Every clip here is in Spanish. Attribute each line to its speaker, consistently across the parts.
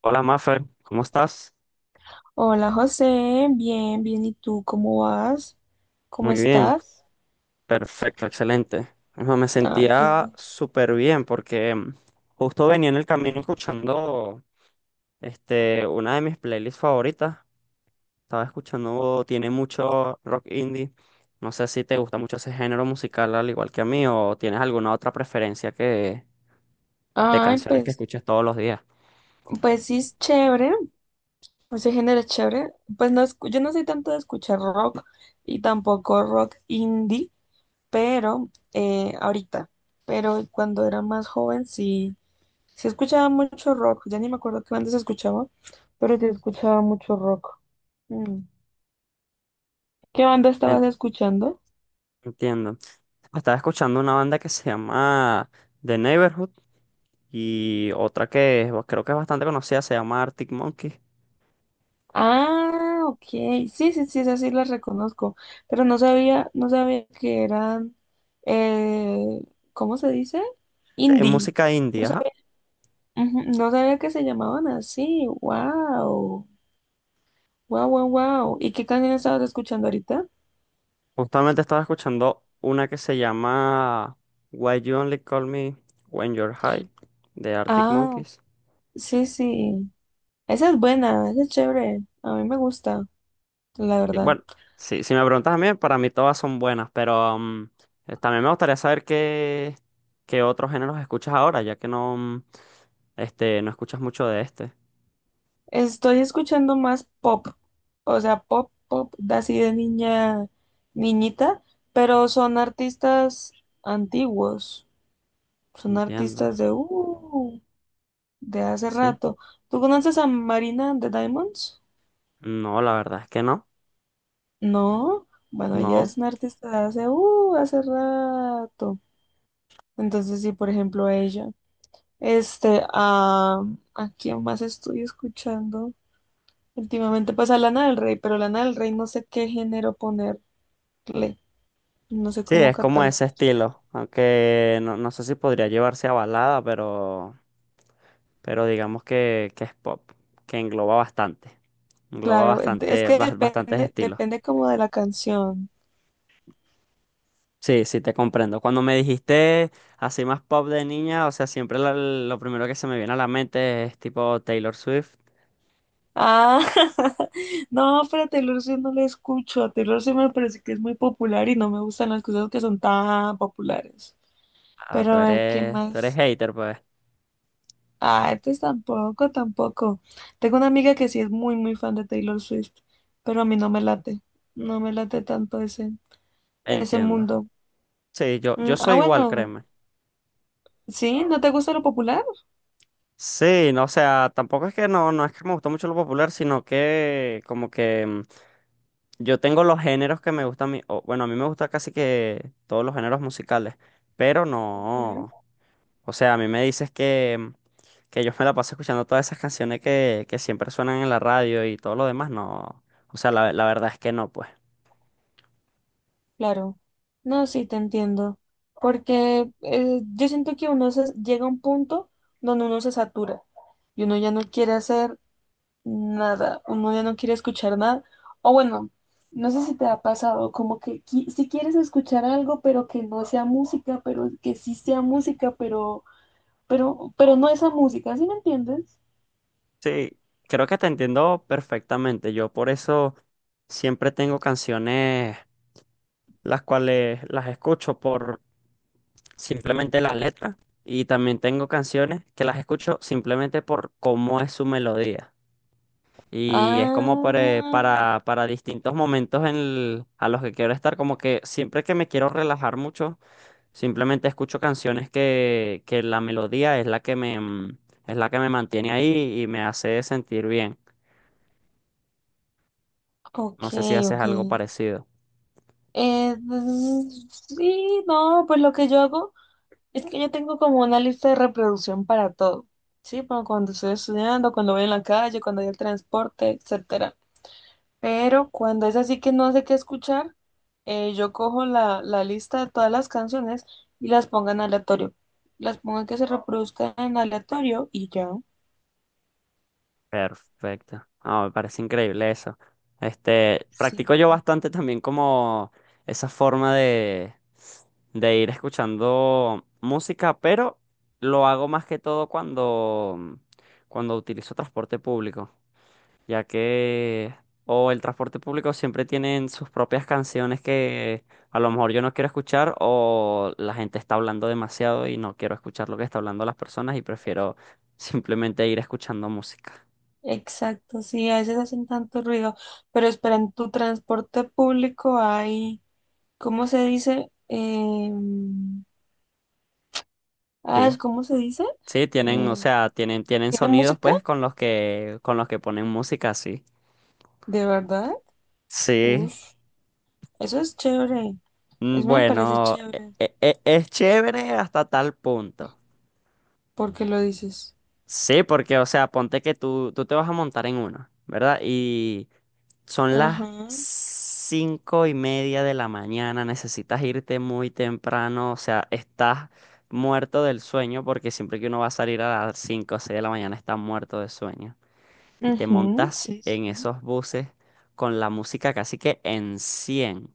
Speaker 1: Hola Mafer, ¿cómo estás?
Speaker 2: Hola José, bien, bien, ¿y tú cómo vas? ¿Cómo
Speaker 1: Muy bien,
Speaker 2: estás?
Speaker 1: perfecto, excelente. No, me
Speaker 2: Ay, qué
Speaker 1: sentía
Speaker 2: bueno.
Speaker 1: súper bien porque justo venía en el camino escuchando una de mis playlists favoritas. Estaba escuchando, tiene mucho rock indie. ¿No sé si te gusta mucho ese género musical al igual que a mí o tienes alguna otra preferencia de
Speaker 2: Ay,
Speaker 1: canciones que
Speaker 2: pues,
Speaker 1: escuches todos los días?
Speaker 2: pues sí es chévere, ese género es chévere. Pues no, yo no soy tanto de escuchar rock y tampoco rock indie, pero ahorita, pero cuando era más joven sí, sí escuchaba mucho rock, ya ni me acuerdo qué bandas escuchaba, pero sí escuchaba mucho rock. Mm. ¿Qué banda estabas escuchando?
Speaker 1: Entiendo. Estaba escuchando una banda que se llama The Neighborhood y otra creo que es bastante conocida, se llama Arctic Monkeys.
Speaker 2: Ah, ok. Sí, sí, sí, esas sí las reconozco, pero no sabía que eran, eh, ¿cómo se dice?
Speaker 1: Es
Speaker 2: Indie.
Speaker 1: música
Speaker 2: No
Speaker 1: indie, ajá.
Speaker 2: sabía, no sabía que se llamaban así. Wow. Wow, wow, wow. ¿Y qué canción estabas escuchando ahorita?
Speaker 1: Justamente estaba escuchando una que se llama Why You Only Call Me When You're High de Arctic
Speaker 2: Ah,
Speaker 1: Monkeys.
Speaker 2: sí, sí. Esa es buena, esa es chévere. A mí me gusta, la
Speaker 1: Y
Speaker 2: verdad.
Speaker 1: bueno, sí, si me preguntas a mí, para mí todas son buenas, pero también me gustaría saber qué otros géneros escuchas ahora, ya que no, no escuchas mucho de este.
Speaker 2: Estoy escuchando más pop, o sea, pop, pop, de así de niña, niñita, pero son artistas antiguos, son
Speaker 1: Entiendo.
Speaker 2: artistas de hace
Speaker 1: Sí.
Speaker 2: rato. ¿Tú conoces a Marina de Diamonds?
Speaker 1: No, la verdad es que no.
Speaker 2: No, bueno, ella
Speaker 1: No.
Speaker 2: es una artista de hace, hace rato. Entonces, sí, por ejemplo, ella. Este, ah, ¿a quién más estoy escuchando? Últimamente, pues a Lana del Rey, pero Lana del Rey no sé qué género ponerle. No sé
Speaker 1: Sí,
Speaker 2: cómo
Speaker 1: es como
Speaker 2: catalogo.
Speaker 1: ese estilo. Aunque no sé si podría llevarse a balada, pero, digamos que es pop, que engloba bastante. Engloba
Speaker 2: Claro, es
Speaker 1: bastante,
Speaker 2: que
Speaker 1: bastantes
Speaker 2: depende,
Speaker 1: estilos.
Speaker 2: depende como de la canción.
Speaker 1: Sí, sí, te comprendo. Cuando me dijiste así más pop de niña, o sea, siempre lo primero que se me viene a la mente es tipo Taylor Swift.
Speaker 2: Ah, no, pero a Taylor Swift no la escucho. A Taylor Swift me parece que es muy popular y no me gustan las cosas que son tan populares.
Speaker 1: Ah,
Speaker 2: Pero
Speaker 1: tú
Speaker 2: a ver, ¿qué
Speaker 1: eres, tú eres
Speaker 2: más?
Speaker 1: hater, pues.
Speaker 2: Ah, entonces tampoco, tampoco. Tengo una amiga que sí es muy, muy fan de Taylor Swift, pero a mí no me late. No me late tanto ese, ese
Speaker 1: Entiendo.
Speaker 2: mundo.
Speaker 1: Sí, yo
Speaker 2: Mm, ah,
Speaker 1: soy igual,
Speaker 2: bueno,
Speaker 1: créeme.
Speaker 2: ¿sí? ¿No te gusta lo popular?
Speaker 1: Sí, no, o sea, tampoco es que no, no es que me gustó mucho lo popular, sino que como que yo tengo los géneros que me gustan a mí, o, bueno, a mí me gusta casi que todos los géneros musicales, pero no, o sea, a mí me dices que yo me la paso escuchando todas esas canciones que, siempre suenan en la radio y todo lo demás, no, o sea, la verdad es que no, pues.
Speaker 2: Claro, no, sí te entiendo, porque yo siento que llega a un punto donde uno se satura y uno ya no quiere hacer nada, uno ya no quiere escuchar nada, o bueno, no sé si te ha pasado, como que si quieres escuchar algo, pero que no sea música, pero que sí sea música, pero, pero no esa música, ¿sí me entiendes?
Speaker 1: Sí, creo que te entiendo perfectamente, yo por eso siempre tengo canciones las cuales las escucho simplemente las letras y también tengo canciones que las escucho simplemente por cómo es su melodía. Y es como para,
Speaker 2: Ah,
Speaker 1: para, para distintos momentos a los que quiero estar, como que siempre que me quiero relajar mucho, simplemente escucho canciones que, la melodía es la que me, es la que me mantiene ahí y me hace sentir bien.
Speaker 2: ok,
Speaker 1: No sé si haces
Speaker 2: ok.
Speaker 1: algo parecido.
Speaker 2: Sí, no, pues lo que yo hago. Es que yo tengo como una lista de reproducción para todo, ¿sí? Para cuando estoy estudiando, cuando voy en la calle, cuando hay el transporte, etcétera. Pero cuando es así que no sé qué escuchar, yo cojo la lista de todas las canciones y las pongo en aleatorio. Las pongo que se reproduzcan en aleatorio y ya.
Speaker 1: Perfecto. Ah, me parece increíble eso.
Speaker 2: Sí.
Speaker 1: Practico yo bastante también como esa forma de ir escuchando música, pero lo hago más que todo cuando utilizo transporte público, ya que o el transporte público siempre tienen sus propias canciones que a lo mejor yo no quiero escuchar o la gente está hablando demasiado y no quiero escuchar lo que está hablando las personas y prefiero simplemente ir escuchando música.
Speaker 2: Exacto, sí, a veces hacen tanto ruido. Pero espera, en tu transporte público hay, ¿cómo se dice?
Speaker 1: Sí.
Speaker 2: ¿Cómo se dice?
Speaker 1: Sí, tienen, o
Speaker 2: Eh,
Speaker 1: sea, tienen
Speaker 2: ¿Tiene
Speaker 1: sonidos
Speaker 2: música?
Speaker 1: pues con los que ponen música así.
Speaker 2: ¿De verdad?
Speaker 1: Sí.
Speaker 2: Ush, eso es chévere. Eso me parece
Speaker 1: Bueno,
Speaker 2: chévere.
Speaker 1: es chévere hasta tal punto.
Speaker 2: ¿Por qué lo dices?
Speaker 1: Sí, porque, o sea, ponte que tú te vas a montar en uno, ¿verdad? Y son las
Speaker 2: Ajá.
Speaker 1: 5:30 de la mañana, necesitas irte muy temprano, o sea, estás muerto del sueño porque siempre que uno va a salir a las 5 o 6 de la mañana está muerto de sueño. Y te
Speaker 2: Ujú,
Speaker 1: montas
Speaker 2: sí,
Speaker 1: en
Speaker 2: sí.
Speaker 1: esos buses con la música casi que en 100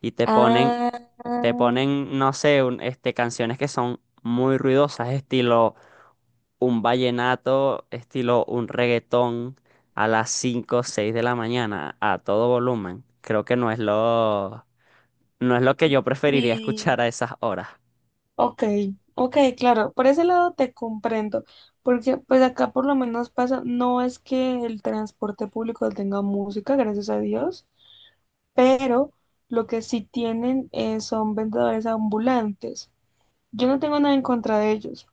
Speaker 1: y
Speaker 2: Ah,
Speaker 1: te ponen, no sé, canciones que son muy ruidosas, estilo un vallenato, estilo un reggaetón a las cinco o 6 de la mañana a todo volumen. Creo que no es lo que yo preferiría
Speaker 2: y...
Speaker 1: escuchar a esas horas.
Speaker 2: Ok, ok, claro. Por ese lado te comprendo. Porque pues acá por lo menos pasa, no es que el transporte público tenga música, gracias a Dios, pero lo que sí tienen son vendedores ambulantes. Yo no tengo nada en contra de ellos,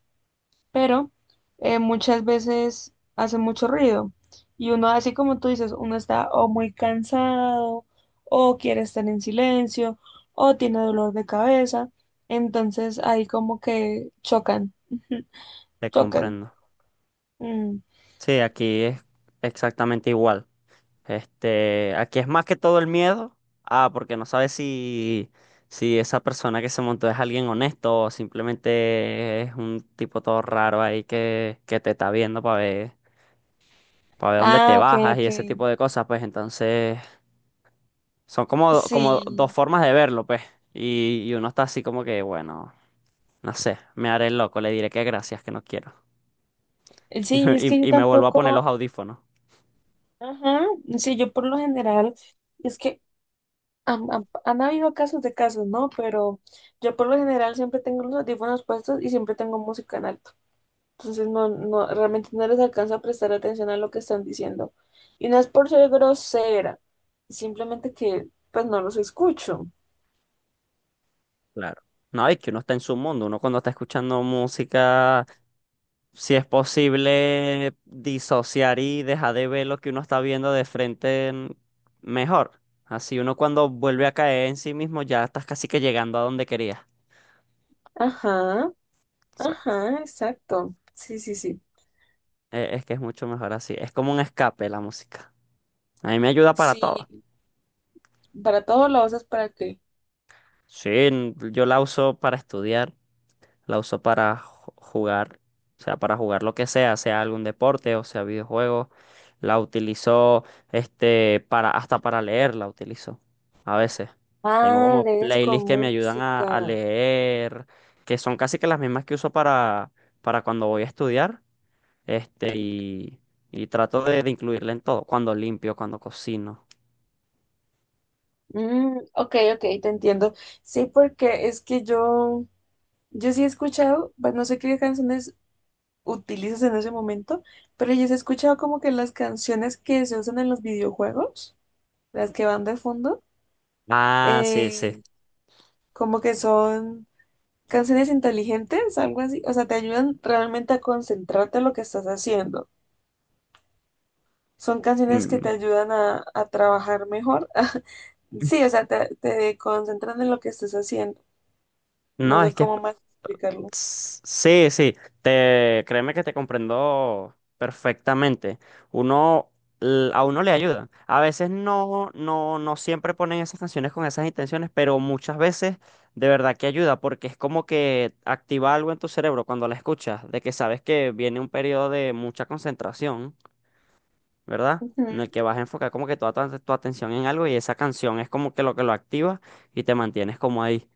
Speaker 2: pero muchas veces hace mucho ruido. Y uno, así como tú dices, uno está o muy cansado, o quiere estar en silencio, o tiene dolor de cabeza. Entonces ahí como que chocan,
Speaker 1: Te
Speaker 2: chocan.
Speaker 1: comprendo.
Speaker 2: Mm.
Speaker 1: Sí, aquí es exactamente igual. Aquí es más que todo el miedo. Ah, porque no sabes si esa persona que se montó es alguien honesto o simplemente es un tipo todo raro ahí que te está viendo para ver, dónde te
Speaker 2: Ah, ok,
Speaker 1: bajas y
Speaker 2: ok.
Speaker 1: ese tipo de cosas. Pues entonces son como, como dos
Speaker 2: Sí,
Speaker 1: formas de verlo, pues. Y uno está así como que, bueno, no sé, me haré el loco, le diré que gracias, que no quiero. Y, me-
Speaker 2: sí, es que yo
Speaker 1: y, y me vuelvo a poner los
Speaker 2: tampoco,
Speaker 1: audífonos.
Speaker 2: ajá, sí, yo por lo general, es que han habido casos de casos, ¿no? Pero yo por lo general siempre tengo los audífonos puestos y siempre tengo música en alto. Entonces no, no, realmente no les alcanza a prestar atención a lo que están diciendo. Y no es por ser grosera, simplemente que pues no los escucho.
Speaker 1: Claro. No, es que uno está en su mundo, uno cuando está escuchando música. Si es posible disociar y dejar de ver lo que uno está viendo de frente mejor. Así uno cuando vuelve a caer en sí mismo ya estás casi que llegando a donde querías.
Speaker 2: Ajá,
Speaker 1: Exacto.
Speaker 2: ajá, exacto. Sí, sí, sí.
Speaker 1: Es que es mucho mejor así. Es como un escape la música. A mí me ayuda para
Speaker 2: Sí,
Speaker 1: todo.
Speaker 2: para todos lo usas para qué.
Speaker 1: Sí, yo la uso para estudiar. La uso para jugar, o sea, para jugar lo que sea, sea algún deporte o sea videojuegos. La utilizo, para, hasta para leer la utilizo. A veces. Tengo
Speaker 2: Ah,
Speaker 1: como
Speaker 2: lees
Speaker 1: playlists
Speaker 2: con
Speaker 1: que me ayudan a
Speaker 2: música.
Speaker 1: leer, que son casi que las mismas que uso para, cuando voy a estudiar. Este, y, y trato de incluirla en todo. Cuando limpio, cuando cocino.
Speaker 2: Mm, ok, ok, te entiendo. Sí, porque es que yo sí he escuchado, pues no sé qué canciones utilizas en ese momento, pero yo sí he escuchado como que las canciones que se usan en los videojuegos, las que van de fondo,
Speaker 1: Ah, sí, sí.
Speaker 2: eh, como que son canciones inteligentes, algo así, o sea, te ayudan realmente a concentrarte en lo que estás haciendo. Son canciones que
Speaker 1: Mm.
Speaker 2: te ayudan a trabajar mejor.
Speaker 1: Mm.
Speaker 2: Sí, o sea, te concentran en lo que estás haciendo. No
Speaker 1: No, es
Speaker 2: sé
Speaker 1: que es.
Speaker 2: cómo más explicarlo.
Speaker 1: Sí, sí, te, créeme que te comprendo perfectamente. Uno, a uno le ayuda. A veces no, no, no siempre ponen esas canciones con esas intenciones, pero muchas veces de verdad que ayuda, porque es como que activa algo en tu cerebro cuando la escuchas, de que sabes que viene un periodo de mucha concentración, ¿verdad?
Speaker 2: Ujú.
Speaker 1: En el que vas a enfocar como que toda tu atención en algo y esa canción es como que lo activa y te mantienes como ahí,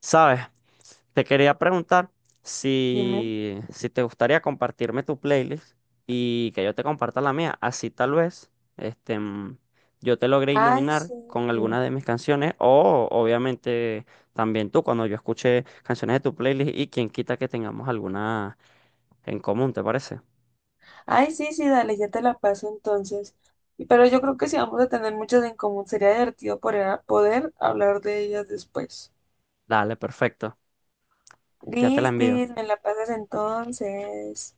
Speaker 1: ¿sabes? Te quería preguntar
Speaker 2: Dime.
Speaker 1: si te gustaría compartirme tu playlist y que yo te comparta la mía. Así tal vez este, mm, yo te logré
Speaker 2: Ay,
Speaker 1: iluminar
Speaker 2: sí.
Speaker 1: con algunas de mis canciones o obviamente también tú cuando yo escuché canciones de tu playlist y quien quita que tengamos alguna en común, ¿te parece?
Speaker 2: Ay, sí, sí, dale, ya te la paso entonces. Y- Pero yo creo que si vamos a tener muchas en común, sería divertido poder, poder hablar de ellas después.
Speaker 1: Dale, perfecto. Ya te la envío.
Speaker 2: Listis, me la pasas entonces.